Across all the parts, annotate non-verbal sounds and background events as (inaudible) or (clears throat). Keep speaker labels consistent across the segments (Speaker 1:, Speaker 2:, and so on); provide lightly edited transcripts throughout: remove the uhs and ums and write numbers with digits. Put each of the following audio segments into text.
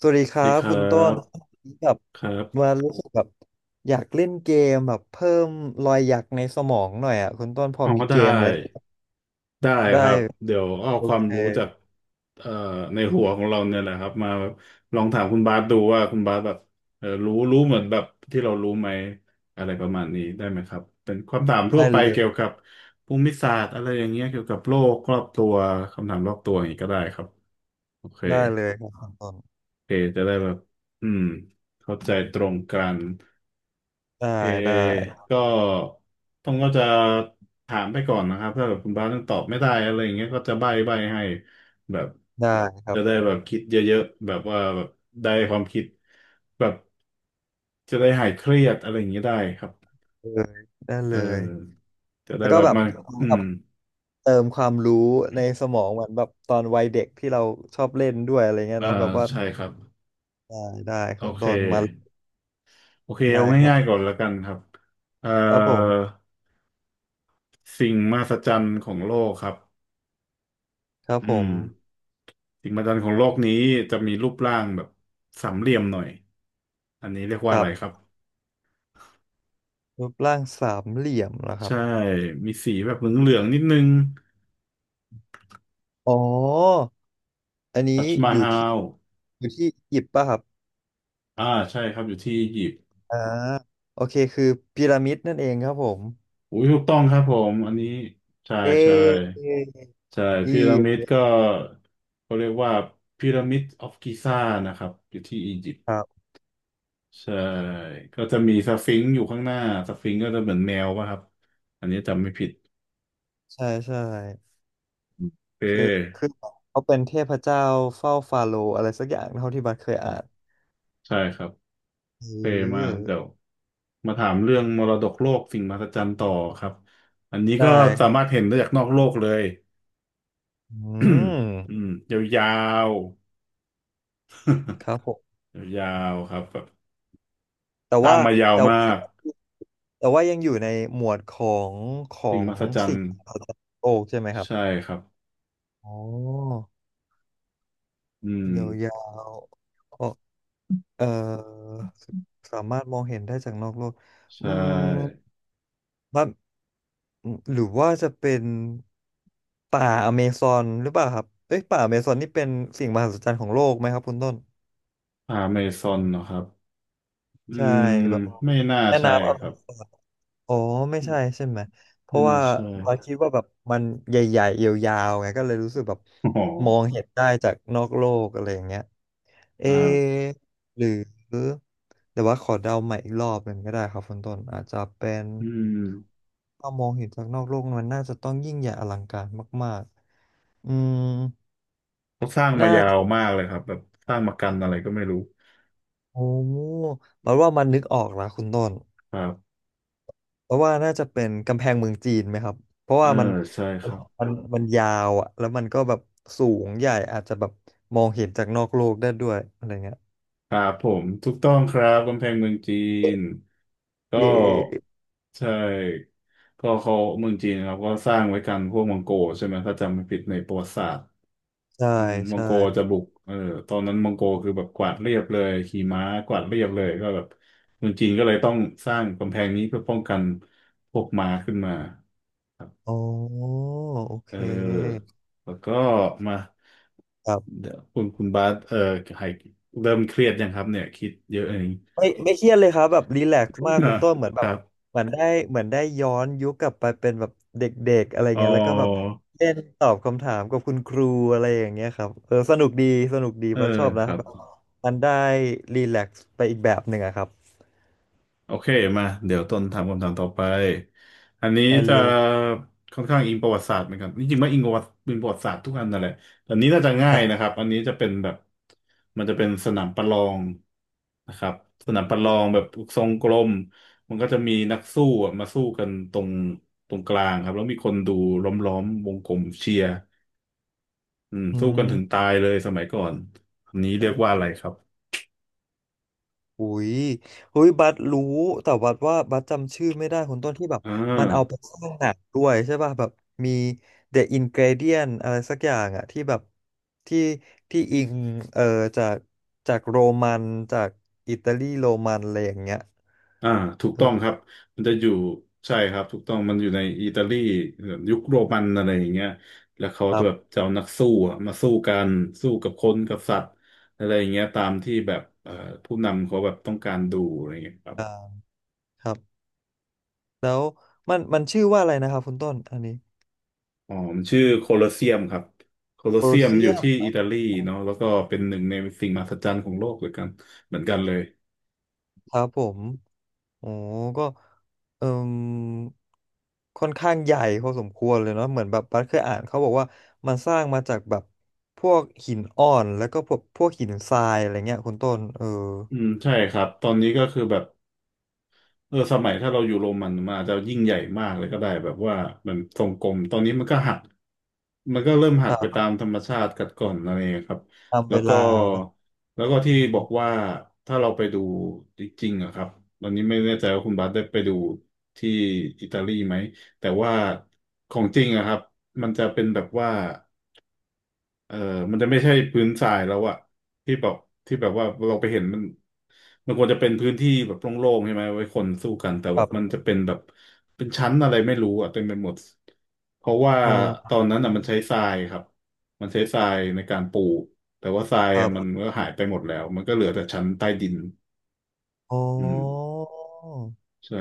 Speaker 1: สวัสดี
Speaker 2: ส
Speaker 1: ค
Speaker 2: วัส
Speaker 1: รั
Speaker 2: ดี
Speaker 1: บ
Speaker 2: ครั
Speaker 1: คุณต้น
Speaker 2: บ
Speaker 1: แบบ
Speaker 2: ครั
Speaker 1: มา
Speaker 2: บ
Speaker 1: รู้สึกแบบอยากเล่นเกมแบบเพิ่มรอยหยักในสมองหน่อยอ่ะคุณต้นพอ
Speaker 2: อ๋อ
Speaker 1: มีเก
Speaker 2: ได้
Speaker 1: มอะไร
Speaker 2: ได้
Speaker 1: ได้
Speaker 2: ครับเดี๋ยวเอา
Speaker 1: โอ
Speaker 2: ความ
Speaker 1: เค
Speaker 2: รู้จากเอ่อในหัวของเราเนี่ยแหละครับมาแบบลองถามคุณบาสดูว่าคุณบาสแบบเออรู้เหมือนแบบที่เรารู้ไหมอะไรประมาณนี้ได้ไหมครับเป็นความถามทั่
Speaker 1: ได้
Speaker 2: วไป
Speaker 1: เล
Speaker 2: เกี่ยว
Speaker 1: ย
Speaker 2: กับภูมิศาสตร์อะไรอย่างเงี้ยเกี่ยวกับโลกรอบตัวคำถามรอบตัวอย่างนี้ก็ได้ครับโอเค
Speaker 1: ได้เลยครับคุณต้น
Speaker 2: โอเคจะได้แบบอืมเข้าใจตรงกัน
Speaker 1: ได้
Speaker 2: เพ
Speaker 1: ได้
Speaker 2: ก็ต้องก็จะถามไปก่อนนะครับถ้าแบบคุณบาสยังตอบไม่ได้อะไรอย่างเงี้ยก็จะใบ้ให้แบบ
Speaker 1: ได้ครั
Speaker 2: จะได้
Speaker 1: บ
Speaker 2: แบบคิดเยอะๆแบบว่าแบบได้ความคิดแบบจะได้หายเครียดอะไรอย่างเงี้ยได้ครับ
Speaker 1: เลยได้
Speaker 2: เอ
Speaker 1: เลย
Speaker 2: อจะ
Speaker 1: แล้
Speaker 2: ได้
Speaker 1: วก็
Speaker 2: แบบ
Speaker 1: แบบ
Speaker 2: มาอื
Speaker 1: แบ
Speaker 2: ม
Speaker 1: บเติมความรู้ในสมองเหมือนแบบตอนวัยเด็กที่เราชอบเล่นด้วยอะไรเงี้ย
Speaker 2: อ่า
Speaker 1: เนาะแบบว่า
Speaker 2: ใช่ครับ
Speaker 1: ได้ได้
Speaker 2: โอ
Speaker 1: คุณ
Speaker 2: เค
Speaker 1: ต้นมา
Speaker 2: โอเค
Speaker 1: ได้
Speaker 2: เอา
Speaker 1: ครับ
Speaker 2: ง่ายๆก่อนแล้วกันครับเอ่อ
Speaker 1: ครับผม
Speaker 2: สิ่งมหัศจรรย์ของโลกครับ
Speaker 1: ครับ
Speaker 2: อื
Speaker 1: ผม
Speaker 2: ม สิ่งมหัศจรรย์ของโลกนี้จะมีรูปร่างแบบสามเหลี่ยมหน่อย อันนี้เรียก
Speaker 1: ค
Speaker 2: ว่า
Speaker 1: รั
Speaker 2: อะไร
Speaker 1: บ
Speaker 2: ครับ
Speaker 1: รูปร่างสามเหลี่ยมเหรอครับ
Speaker 2: ใช่มีสีแบบเหลืองๆนิดนึง
Speaker 1: อ๋อ อันนี้
Speaker 2: ทัชมา
Speaker 1: อยู่
Speaker 2: ฮา
Speaker 1: ที่
Speaker 2: ล
Speaker 1: อยู่ที่อียิปต์ป่ะครับ
Speaker 2: อ่าใช่ครับอยู่ที่อียิปต์
Speaker 1: อ่าโอเค คือพีระมิดนั่นเองครับผม
Speaker 2: อุ้ยถูกต้องครับผมอันนี้ใช่
Speaker 1: เ
Speaker 2: ใช่
Speaker 1: ออ
Speaker 2: ใช่
Speaker 1: ี
Speaker 2: พีระมิด
Speaker 1: ยิป
Speaker 2: ก็
Speaker 1: ต์
Speaker 2: เขาเรียกว่าพีระมิดออฟกิซานะครับอยู่ที่อียิปต์
Speaker 1: ครับ
Speaker 2: ใช่ก็จะมีสฟิงซ์อยู่ข้างหน้าสฟิงซ์ก็จะเหมือนแมวป่ะครับอันนี้จำไม่ผิด
Speaker 1: ใช่ใช่
Speaker 2: โอเ
Speaker 1: คือคือ
Speaker 2: ค
Speaker 1: เขาเป็นเทพเจ้าเฝ้าฟาโรห์อะไรสักอย่างเท่าที่บัตเคยอ่าน
Speaker 2: ใช่ครับ โอเคมา
Speaker 1: เออ
Speaker 2: เดี๋ยวมาถามเรื่องมรดกโลกสิ่งมหัศจรรย์ต่อครับอันนี้
Speaker 1: ได้
Speaker 2: ก็
Speaker 1: ค
Speaker 2: สา
Speaker 1: รั
Speaker 2: มารถ
Speaker 1: บ
Speaker 2: เห็นได้จากนอกโลกเลย
Speaker 1: อื
Speaker 2: (coughs) (clears throat) อื
Speaker 1: ม
Speaker 2: มยาว
Speaker 1: ครับผม
Speaker 2: ๆยาวๆครับแบบ
Speaker 1: แต่
Speaker 2: สร้า
Speaker 1: ว่า
Speaker 2: งมายาว
Speaker 1: แต่ว่า
Speaker 2: มาก
Speaker 1: แต่ว่ายังอยู่ในหมวดของขอ
Speaker 2: สิ่ง
Speaker 1: ง
Speaker 2: มหัศจรร
Speaker 1: สิ่ง
Speaker 2: ย์
Speaker 1: ของโลกใช่ไหมครั
Speaker 2: ใช่
Speaker 1: บ
Speaker 2: ครับ
Speaker 1: อ๋อ
Speaker 2: อืม
Speaker 1: ยาวๆ เอ่อสามารถมองเห็นได้จากนอกโลก
Speaker 2: ใช
Speaker 1: อืม
Speaker 2: ่
Speaker 1: ว่ามหรือว่าจะเป็นป่าอเมซอนหรือเปล่าครับเอ้ยป่าอเมซอนนี่เป็นสิ่งมหัศจรรย์ของโลกไหมครับคุณต้น
Speaker 2: อเมซอนนะครับอื
Speaker 1: ใช่
Speaker 2: ม
Speaker 1: แบบ
Speaker 2: ไม่น่า
Speaker 1: แม่
Speaker 2: ใช่
Speaker 1: น้ำอ
Speaker 2: ค
Speaker 1: เม
Speaker 2: รับ
Speaker 1: ซอน อ๋อไม่ใช่ใช่ไหมเพ
Speaker 2: ไม่
Speaker 1: ราะ
Speaker 2: น่า
Speaker 1: ว่า
Speaker 2: ใช่
Speaker 1: เราคิดว่าแบบมันใหญ่ๆยาวๆไงก็เลยรู้สึกแบบ
Speaker 2: อ๋อ
Speaker 1: มองเห็นได้จากนอกโลกอะไรอย่างเงี้ยเอ
Speaker 2: อ่า
Speaker 1: ะหรือแต่ว่าขอเดาใหม่อีกรอบหนึ่งก็ได้ครับคุณต้นอาจจะเป็น
Speaker 2: อืม
Speaker 1: ถ้ามองเห็นจากนอกโลกมันน่าจะต้องยิ่งใหญ่อลังการมากๆอืม
Speaker 2: เขาสร้างมายาวมากเลยครับแบบสร้างมากันอะไรก็ไม่รู้
Speaker 1: โอ้เราว่ามันนึกออกแล้วคุณต้น
Speaker 2: ครับ
Speaker 1: เพราะว่าน่าจะเป็นกำแพงเมืองจีนไหมครับ เพราะ
Speaker 2: เออ
Speaker 1: ว่ามัน
Speaker 2: ใช่ครับ
Speaker 1: มันมันยาวอะแล้วมันก็แบบสูงใหญ่อาจจะแบบมองเห็นจากนอกโลกได้ด้วยอะไรเงี้ย
Speaker 2: ครับผมถูกต้องครับกำแพงเมืองจีนก็
Speaker 1: เย
Speaker 2: ใช่ก็เขาเมืองจีนครับก็สร้างไว้กันพวกมองโกลใช่ไหมถ้าจำไม่ผิดในประวัติศาสตร์
Speaker 1: ใช่
Speaker 2: อืมมอง
Speaker 1: ใช่
Speaker 2: โกจะบุกเออตอนนั้นมองโกคือแบบกวาดเรียบเลยขี่ม้ากวาดเรียบเลยก็แบบเมืองจีนก็เลยต้องสร้างกำแพงนี้เพื่อป้องกันพวกม้าขึ้นมา
Speaker 1: อ๋อโอ
Speaker 2: เ
Speaker 1: เค
Speaker 2: ออแล้วก็มา
Speaker 1: ครับ
Speaker 2: เดี๋ยวคุณบาสเออหายเริ่มเครียดยังครับเนี่ยคิดเยอะเอง
Speaker 1: ไม่ไม่เครียดเลยครับแบบรีแลกซ์มาก
Speaker 2: อ่า
Speaker 1: คุณต้นเหมือน
Speaker 2: (laughs) ค
Speaker 1: แบบ
Speaker 2: รับ
Speaker 1: เหมือนได้เหมือนได้ย้อนยุคกลับไปเป็นแบบเด็กๆอะไร
Speaker 2: อ๋อ
Speaker 1: เงี้ยแล้วก็แบบเล่นตอบคำถามกับคุณครูอะไรอย่างเงี้ยครับเออสนุกดีสนุกดี
Speaker 2: เออ
Speaker 1: ว่าชอบ
Speaker 2: ค
Speaker 1: นะ
Speaker 2: รับ
Speaker 1: แบบมันได้รีแลกซ์ไปอีกแบบหนึ่งอะครับ
Speaker 2: โอเคมาเดี๋ยวต้นถามคำถามต่อไปอันนี้
Speaker 1: ได้
Speaker 2: จะ
Speaker 1: เลย
Speaker 2: ค่อนข้างอิงประวัติศาสตร์เหมือนกันจริงๆว่าอิงประวัติศาสตร์ทุกอันนั่นแหละแต่อันนี้น่าจะง่า
Speaker 1: ค
Speaker 2: ยนะ
Speaker 1: รั
Speaker 2: ค
Speaker 1: บ
Speaker 2: รับอันนี้จะเป็นแบบมันจะเป็นสนามประลองนะครับสนามประลองแบบทรงกลมมันก็จะมีนักสู้อะมาสู้กันตรงกลางครับแล้วมีคนดูล้อมวงกลมเชียร์อืม
Speaker 1: อื
Speaker 2: สู้กันถึง
Speaker 1: ม
Speaker 2: ตายเลยสมัยก่อนอันนี้เรียกว่าอะไรครับ
Speaker 1: อุ้ยอุ้ยบัสรู้แต่บัสว่าบัสจำชื่อไม่ได้คนต้นที่แบบ
Speaker 2: อ่
Speaker 1: มันเอาไป
Speaker 2: า
Speaker 1: สร้างหนังด้วยใช่ป่ะแบบมี The Ingredient อะไรสักอย่างอะที่แบบที่ที่อิงเอ่อจากจากโรมันจากอิตาลีโรมันอะไรอย่างเงี้ย
Speaker 2: อ่าถูก
Speaker 1: เอ
Speaker 2: ต้อ
Speaker 1: อ
Speaker 2: งครับมันจะอยู่ใช่ครับถูกต้องมันอยู่ในอิตาลียุคโรมันอะไรอย่างเงี้ยแล้วเขา
Speaker 1: ครั
Speaker 2: จะแบบ
Speaker 1: บ
Speaker 2: จะเอานักสู้อะมาสู้กันสู้กับคนกับสัตว์อะไรอย่างเงี้ยตามที่แบบผู้นำเขาแบบต้องการดูอะไรอย่างเงี้ยครับ
Speaker 1: อ่าครับแล้วมันชื่อว่าอะไรนะครับคุณต้นอันนี้
Speaker 2: อ๋อมันชื่อโคลอสเซียมครับโคลอ
Speaker 1: โคล
Speaker 2: ส
Speaker 1: อ
Speaker 2: เซียม
Speaker 1: เซี
Speaker 2: อ
Speaker 1: ย
Speaker 2: ยู่
Speaker 1: ม
Speaker 2: ที่อิตาลีเนาะแล้วก็เป็นหนึ่งในสิ่งมหัศจรรย์ของโลกเหมือนกันเหมือนกันเลย
Speaker 1: ครับผมโอ้ก็เอ่มค่อนข้างใหญ่พอสมควรเลยเนาะเหมือนแบบบัสเคยอ่านเขาบอกว่า มันสร้างมาจากแบบ พวกหินอ่อนแล้วก็พวกพวกหินทรายอะไรเงี้ยคุณต้นเออ
Speaker 2: อืมใช่ครับตอนนี้ก็คือแบบ เออสมัยถ้าเราอยู่โรมันมันอาจจะยิ่งใหญ่มากเลยก็ได้แบบว่ามันทรงกลมตอนนี้มันก็หักมันก็เริ่มหั
Speaker 1: ค
Speaker 2: ก
Speaker 1: รั
Speaker 2: ไปตา
Speaker 1: บ
Speaker 2: มธรรมชาติกัดกร่อนอะไรอย่างเงี้ยครับ
Speaker 1: ตาม
Speaker 2: แล้
Speaker 1: เว
Speaker 2: วก็
Speaker 1: ลาเนาะ
Speaker 2: แล้วก็
Speaker 1: อื
Speaker 2: ที่บอ
Speaker 1: ม
Speaker 2: กว่าถ้าเราไปดูจริงๆอะครับตอนนี้ไม่แน่ใจว่าคุณบาสได้ไปดูที่อิตาลีไหมแต่ว่าของจริงอะครับมันจะเป็นแบบว่า เออมันจะไม่ใช่พื้นทรายแล้วอะที่แบบที่แบบว่าเราไปเห็นมันมันควรจะเป็นพื้นที่แบบโล่งๆใช่ไหมไว้คนสู้กันแต่
Speaker 1: ค
Speaker 2: แบ
Speaker 1: ร
Speaker 2: บมัน
Speaker 1: ับ
Speaker 2: จะเป็นแบบเป็นชั้นอะไรไม่รู้อะเต็มไปหมดเพราะว่า
Speaker 1: โอ
Speaker 2: ต
Speaker 1: ้
Speaker 2: อนนั้นอะมันใช้ทรายครับมันใช้ทรายในการปูแต่ว่าทราย
Speaker 1: ครั
Speaker 2: อะมัน
Speaker 1: บ
Speaker 2: ก็หายไปหมดแล้วมันก็เหลือแต่ชั้นใต้ดิน
Speaker 1: อ๋อ
Speaker 2: อืมใช่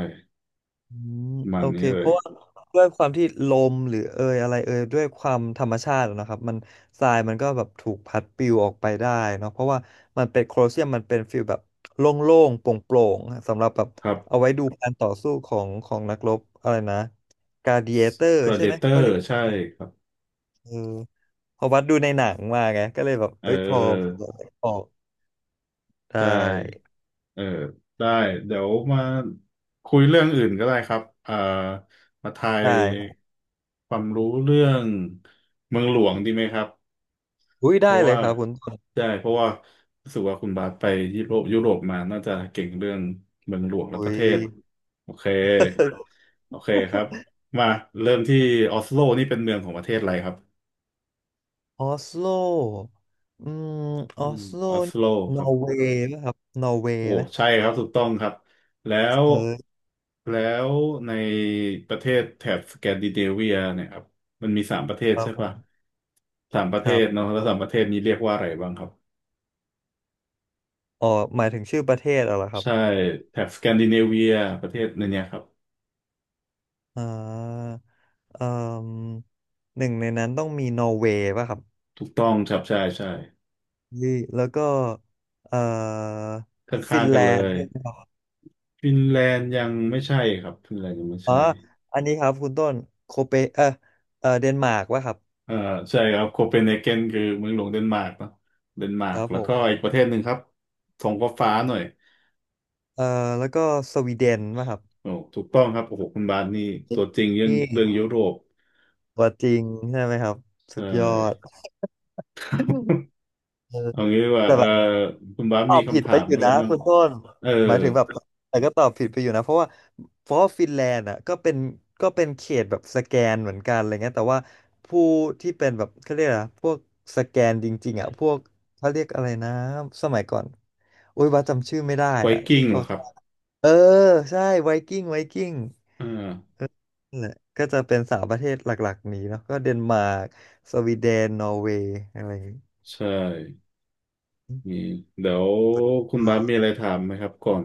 Speaker 1: อืม
Speaker 2: ประมั
Speaker 1: โอ
Speaker 2: น
Speaker 1: เค
Speaker 2: นี้เล
Speaker 1: เพ
Speaker 2: ย
Speaker 1: ราะว่าด้วยความที่ลมหรือเอยอะไรเอยด้วยความธรรมชาติอะนะครับมันทรายมันก็แบบถูกพัดปลิวออกไปได้เนาะเพราะว่ามันเป็นโคลอเซียมมันเป็นฟิลแบบโล่งๆโปร่งๆสำหรับแบบ
Speaker 2: ครับ
Speaker 1: เอาไว้ดูการต่อสู้ของของนักรบอะไรนะกา a ด i เอเตอร์ใช่ไหมเขา
Speaker 2: Predator
Speaker 1: เรียก
Speaker 2: ใช่ครับ
Speaker 1: เออพอวัดดูในหนังมาไงก็เลยแบบ
Speaker 2: เ
Speaker 1: เอ้ยพอพ
Speaker 2: ออ
Speaker 1: อออกได
Speaker 2: ใช่
Speaker 1: ้
Speaker 2: เออได้เดี๋ยวมาคุยเรื่องอื่นก็ได้ครับมาทาย
Speaker 1: ได้ครับ
Speaker 2: ความรู้เรื่องเมืองหลวงดีไหมครับ
Speaker 1: อุ้ย
Speaker 2: เพ
Speaker 1: ได้
Speaker 2: ราะ
Speaker 1: เล
Speaker 2: ว่า
Speaker 1: ยครับคุณต้น
Speaker 2: ได้เพราะว่ารู้สึกว่าคุณบาสไปยุโรปมาน่าจะเก่งเรื่องเมืองหลวงและ
Speaker 1: อุ้
Speaker 2: ประ
Speaker 1: ย
Speaker 2: เทศโอเคโอเคครับมาเริ่มที่ออสโลนี่เป็นเมืองของประเทศอะไรครับ
Speaker 1: ออสโลอืมอ
Speaker 2: อื
Speaker 1: อ
Speaker 2: ม
Speaker 1: สโล
Speaker 2: ออส
Speaker 1: นี่
Speaker 2: โลค
Speaker 1: นอ
Speaker 2: รับ
Speaker 1: ร์เวย์ป่ะครับนอร์เวย์
Speaker 2: โอ้
Speaker 1: ไหม
Speaker 2: ใช่ครับถูกต้องครับแล้ว
Speaker 1: เออ
Speaker 2: แล้วในประเทศแถบสแกนดิเนเวียเนี่ยครับมันมีสามประเทศ
Speaker 1: ครั
Speaker 2: ใช่ปะ
Speaker 1: บ
Speaker 2: สามประ
Speaker 1: ค
Speaker 2: เท
Speaker 1: รั
Speaker 2: ศ
Speaker 1: บ
Speaker 2: เนาะแล้วสามประเทศนี้เรียกว่าอะไรบ้างครับ
Speaker 1: อ๋อหมายถึงชื่อประเทศเหรอครับ
Speaker 2: ใช่แถบสแกนดิเนเวียประเทศในเนี้ยครับ
Speaker 1: อ่าเอ่มหนึ่งในนั้นต้องมีนอร์เวย์ป่ะครับ
Speaker 2: ถูกต้องครับใช่ใช่
Speaker 1: ยี่แล้วก็เอ่อ
Speaker 2: ข
Speaker 1: ฟิ
Speaker 2: ้าง
Speaker 1: น
Speaker 2: ๆกั
Speaker 1: แล
Speaker 2: นเล
Speaker 1: นด์
Speaker 2: ย
Speaker 1: ด้วยเหครับ
Speaker 2: ฟินแลนด์ยังไม่ใช่ครับฟินแลนด์ยังไม่
Speaker 1: อ๋อ
Speaker 2: ใช่
Speaker 1: อันนี้ครับคุณต้นโคเปเออเดนมาร์กป่ะครับ
Speaker 2: อ่าใช่ครับโคเปนเฮเกนคือเมืองหลวงเดนมาร์กเนอะเดนมา
Speaker 1: ค
Speaker 2: ร์ก
Speaker 1: รับ
Speaker 2: แล้
Speaker 1: ผ
Speaker 2: วก็
Speaker 1: ม
Speaker 2: อีกประเทศหนึ่งครับทงฟ้าๆหน่อย
Speaker 1: เอ่อแล้วก็สวีเดนป่ะครับ
Speaker 2: โอ้ถูกต้องครับโอ้โหคุณบาสนี่ตัวจริงเรื่อง
Speaker 1: นี่
Speaker 2: เรื่องยุโรป
Speaker 1: ตัวจริงใช่ไหมครับ
Speaker 2: เอ
Speaker 1: สุดยอ
Speaker 2: อ
Speaker 1: ด เออ
Speaker 2: เอางี้ดีกว่า
Speaker 1: แต่
Speaker 2: เอ
Speaker 1: แบ
Speaker 2: อ
Speaker 1: บ
Speaker 2: คุณบาส
Speaker 1: ตอ
Speaker 2: มี
Speaker 1: บผิด
Speaker 2: คำถา
Speaker 1: ไป
Speaker 2: ม
Speaker 1: อยู่
Speaker 2: อะไร
Speaker 1: นะ
Speaker 2: บ้าง
Speaker 1: คุณต้น
Speaker 2: เออ
Speaker 1: หมายถึงแบบแต่ก็ตอบผิดไปอยู่นะเพราะว่าเพราะว่าฟินแลนด์อ่ะก็เป็นก็เป็นเขตแบบสแกนเหมือนกันอะไรเงี้ยแต่ว่าผู้ที่เป็นแบบเขาเรียกอะไรนะพวกสแกนจริงๆอ่ะพวกเขาเรียกอะไรนะสมัยก่อนอุ้ยว่าจำชื่อไม่ได้
Speaker 2: ไว
Speaker 1: อ่ะที่
Speaker 2: กิ้งเห
Speaker 1: เขา
Speaker 2: รอครับ
Speaker 1: เออใช่ไวกิ้งไวกิ้ง
Speaker 2: อ่า
Speaker 1: นั่นแหละก็จะเป็นสามประเทศหลักๆนี้เนาะก็เดนมาร์กสวีเดนนอร์เวย์อะไรอย่างงี้
Speaker 2: ใช่มีเดี๋ยวคุณบาสมีอะไรถามไหมครับก่อน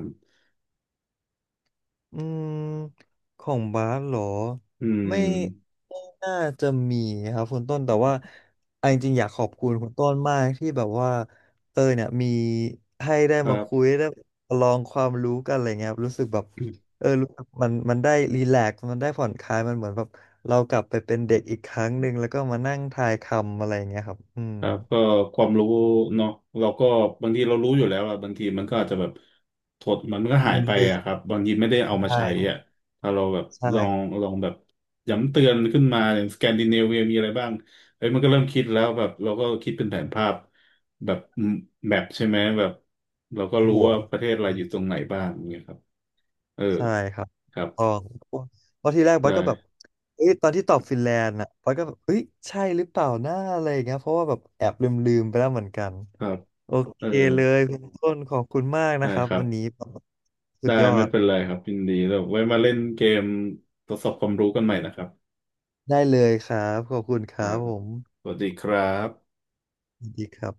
Speaker 1: อืมของบาสเหรอ
Speaker 2: อื
Speaker 1: ไม่
Speaker 2: ม
Speaker 1: ไม่น่าจะมีครับคุณต้นแต่ว่าออนจริงๆอยากขอบคุณคุณต้นมากที่แบบว่าเออเนี่ยมีให้ได้
Speaker 2: ครั
Speaker 1: มาคุย
Speaker 2: บ
Speaker 1: ได้ลองความรู้กันอะไรเงี้ยครับรู้สึกแบบเออรู้สึกมันได้รีแลกซ์มันได้ผ่อนคลายมันเหมือนแบบเรากลับไปเป็นเด็กอีกครั้งหนึ่งแล้วก็มานั่งทายคำอะไรเงี้ยครับอืม
Speaker 2: ครับก็ความรู้เนาะเราก็บางทีเรารู้อยู่แล้วอะบางทีมันก็อาจจะแบบถดมันก็หา
Speaker 1: มั
Speaker 2: ย
Speaker 1: น
Speaker 2: ไป
Speaker 1: ลืม
Speaker 2: อะครับบางทีไม่ได้เอามาใช้
Speaker 1: ได้
Speaker 2: อะถ้าเราแบบ
Speaker 1: ใ
Speaker 2: ลอง
Speaker 1: ช่
Speaker 2: ลองแบบย้ำเตือนขึ้นมาอย่างสแกนดิเนเวียมีอะไรบ้างเอ้ยมันก็เริ่มคิดแล้วแบบเราก็คิดเป็นแผนภาพแบบแมปใช่ไหมแบบเราก็รู้
Speaker 1: หัว
Speaker 2: ว่าประเทศอะไรอยู่ตรงไหนบ้างอย่างเงี้ยครับเออ
Speaker 1: ใช่ครับ
Speaker 2: ครับ
Speaker 1: ต้องเพราะที่แรกบัส
Speaker 2: ได้
Speaker 1: ก็แบบเอ้ยตอนที่ตอบฟินแลนด์อ่ะบัสก็แบบเอ้ยใช่หรือเปล่าหน้าอะไรอย่างเงี้ยเพราะว่าแบบแอบลืมลืมไปแล้วเหมือนกัน
Speaker 2: ครับ
Speaker 1: โอเค
Speaker 2: เออ
Speaker 1: เลยคุณต้นขอบคุณมากนะ
Speaker 2: ได้
Speaker 1: ครับ
Speaker 2: ครับ
Speaker 1: วันนี้สุ
Speaker 2: ได้
Speaker 1: ดยอ
Speaker 2: ไม่
Speaker 1: ด
Speaker 2: เป็นไรครับยินดีเราไว้มาเล่นเกมทดสอบความรู้กันใหม่นะครับ
Speaker 1: ได้เลยครับ ขอบคุณค
Speaker 2: ครั
Speaker 1: รับ
Speaker 2: บ
Speaker 1: ผม
Speaker 2: สวัสดีครับ
Speaker 1: สวัสดีครับ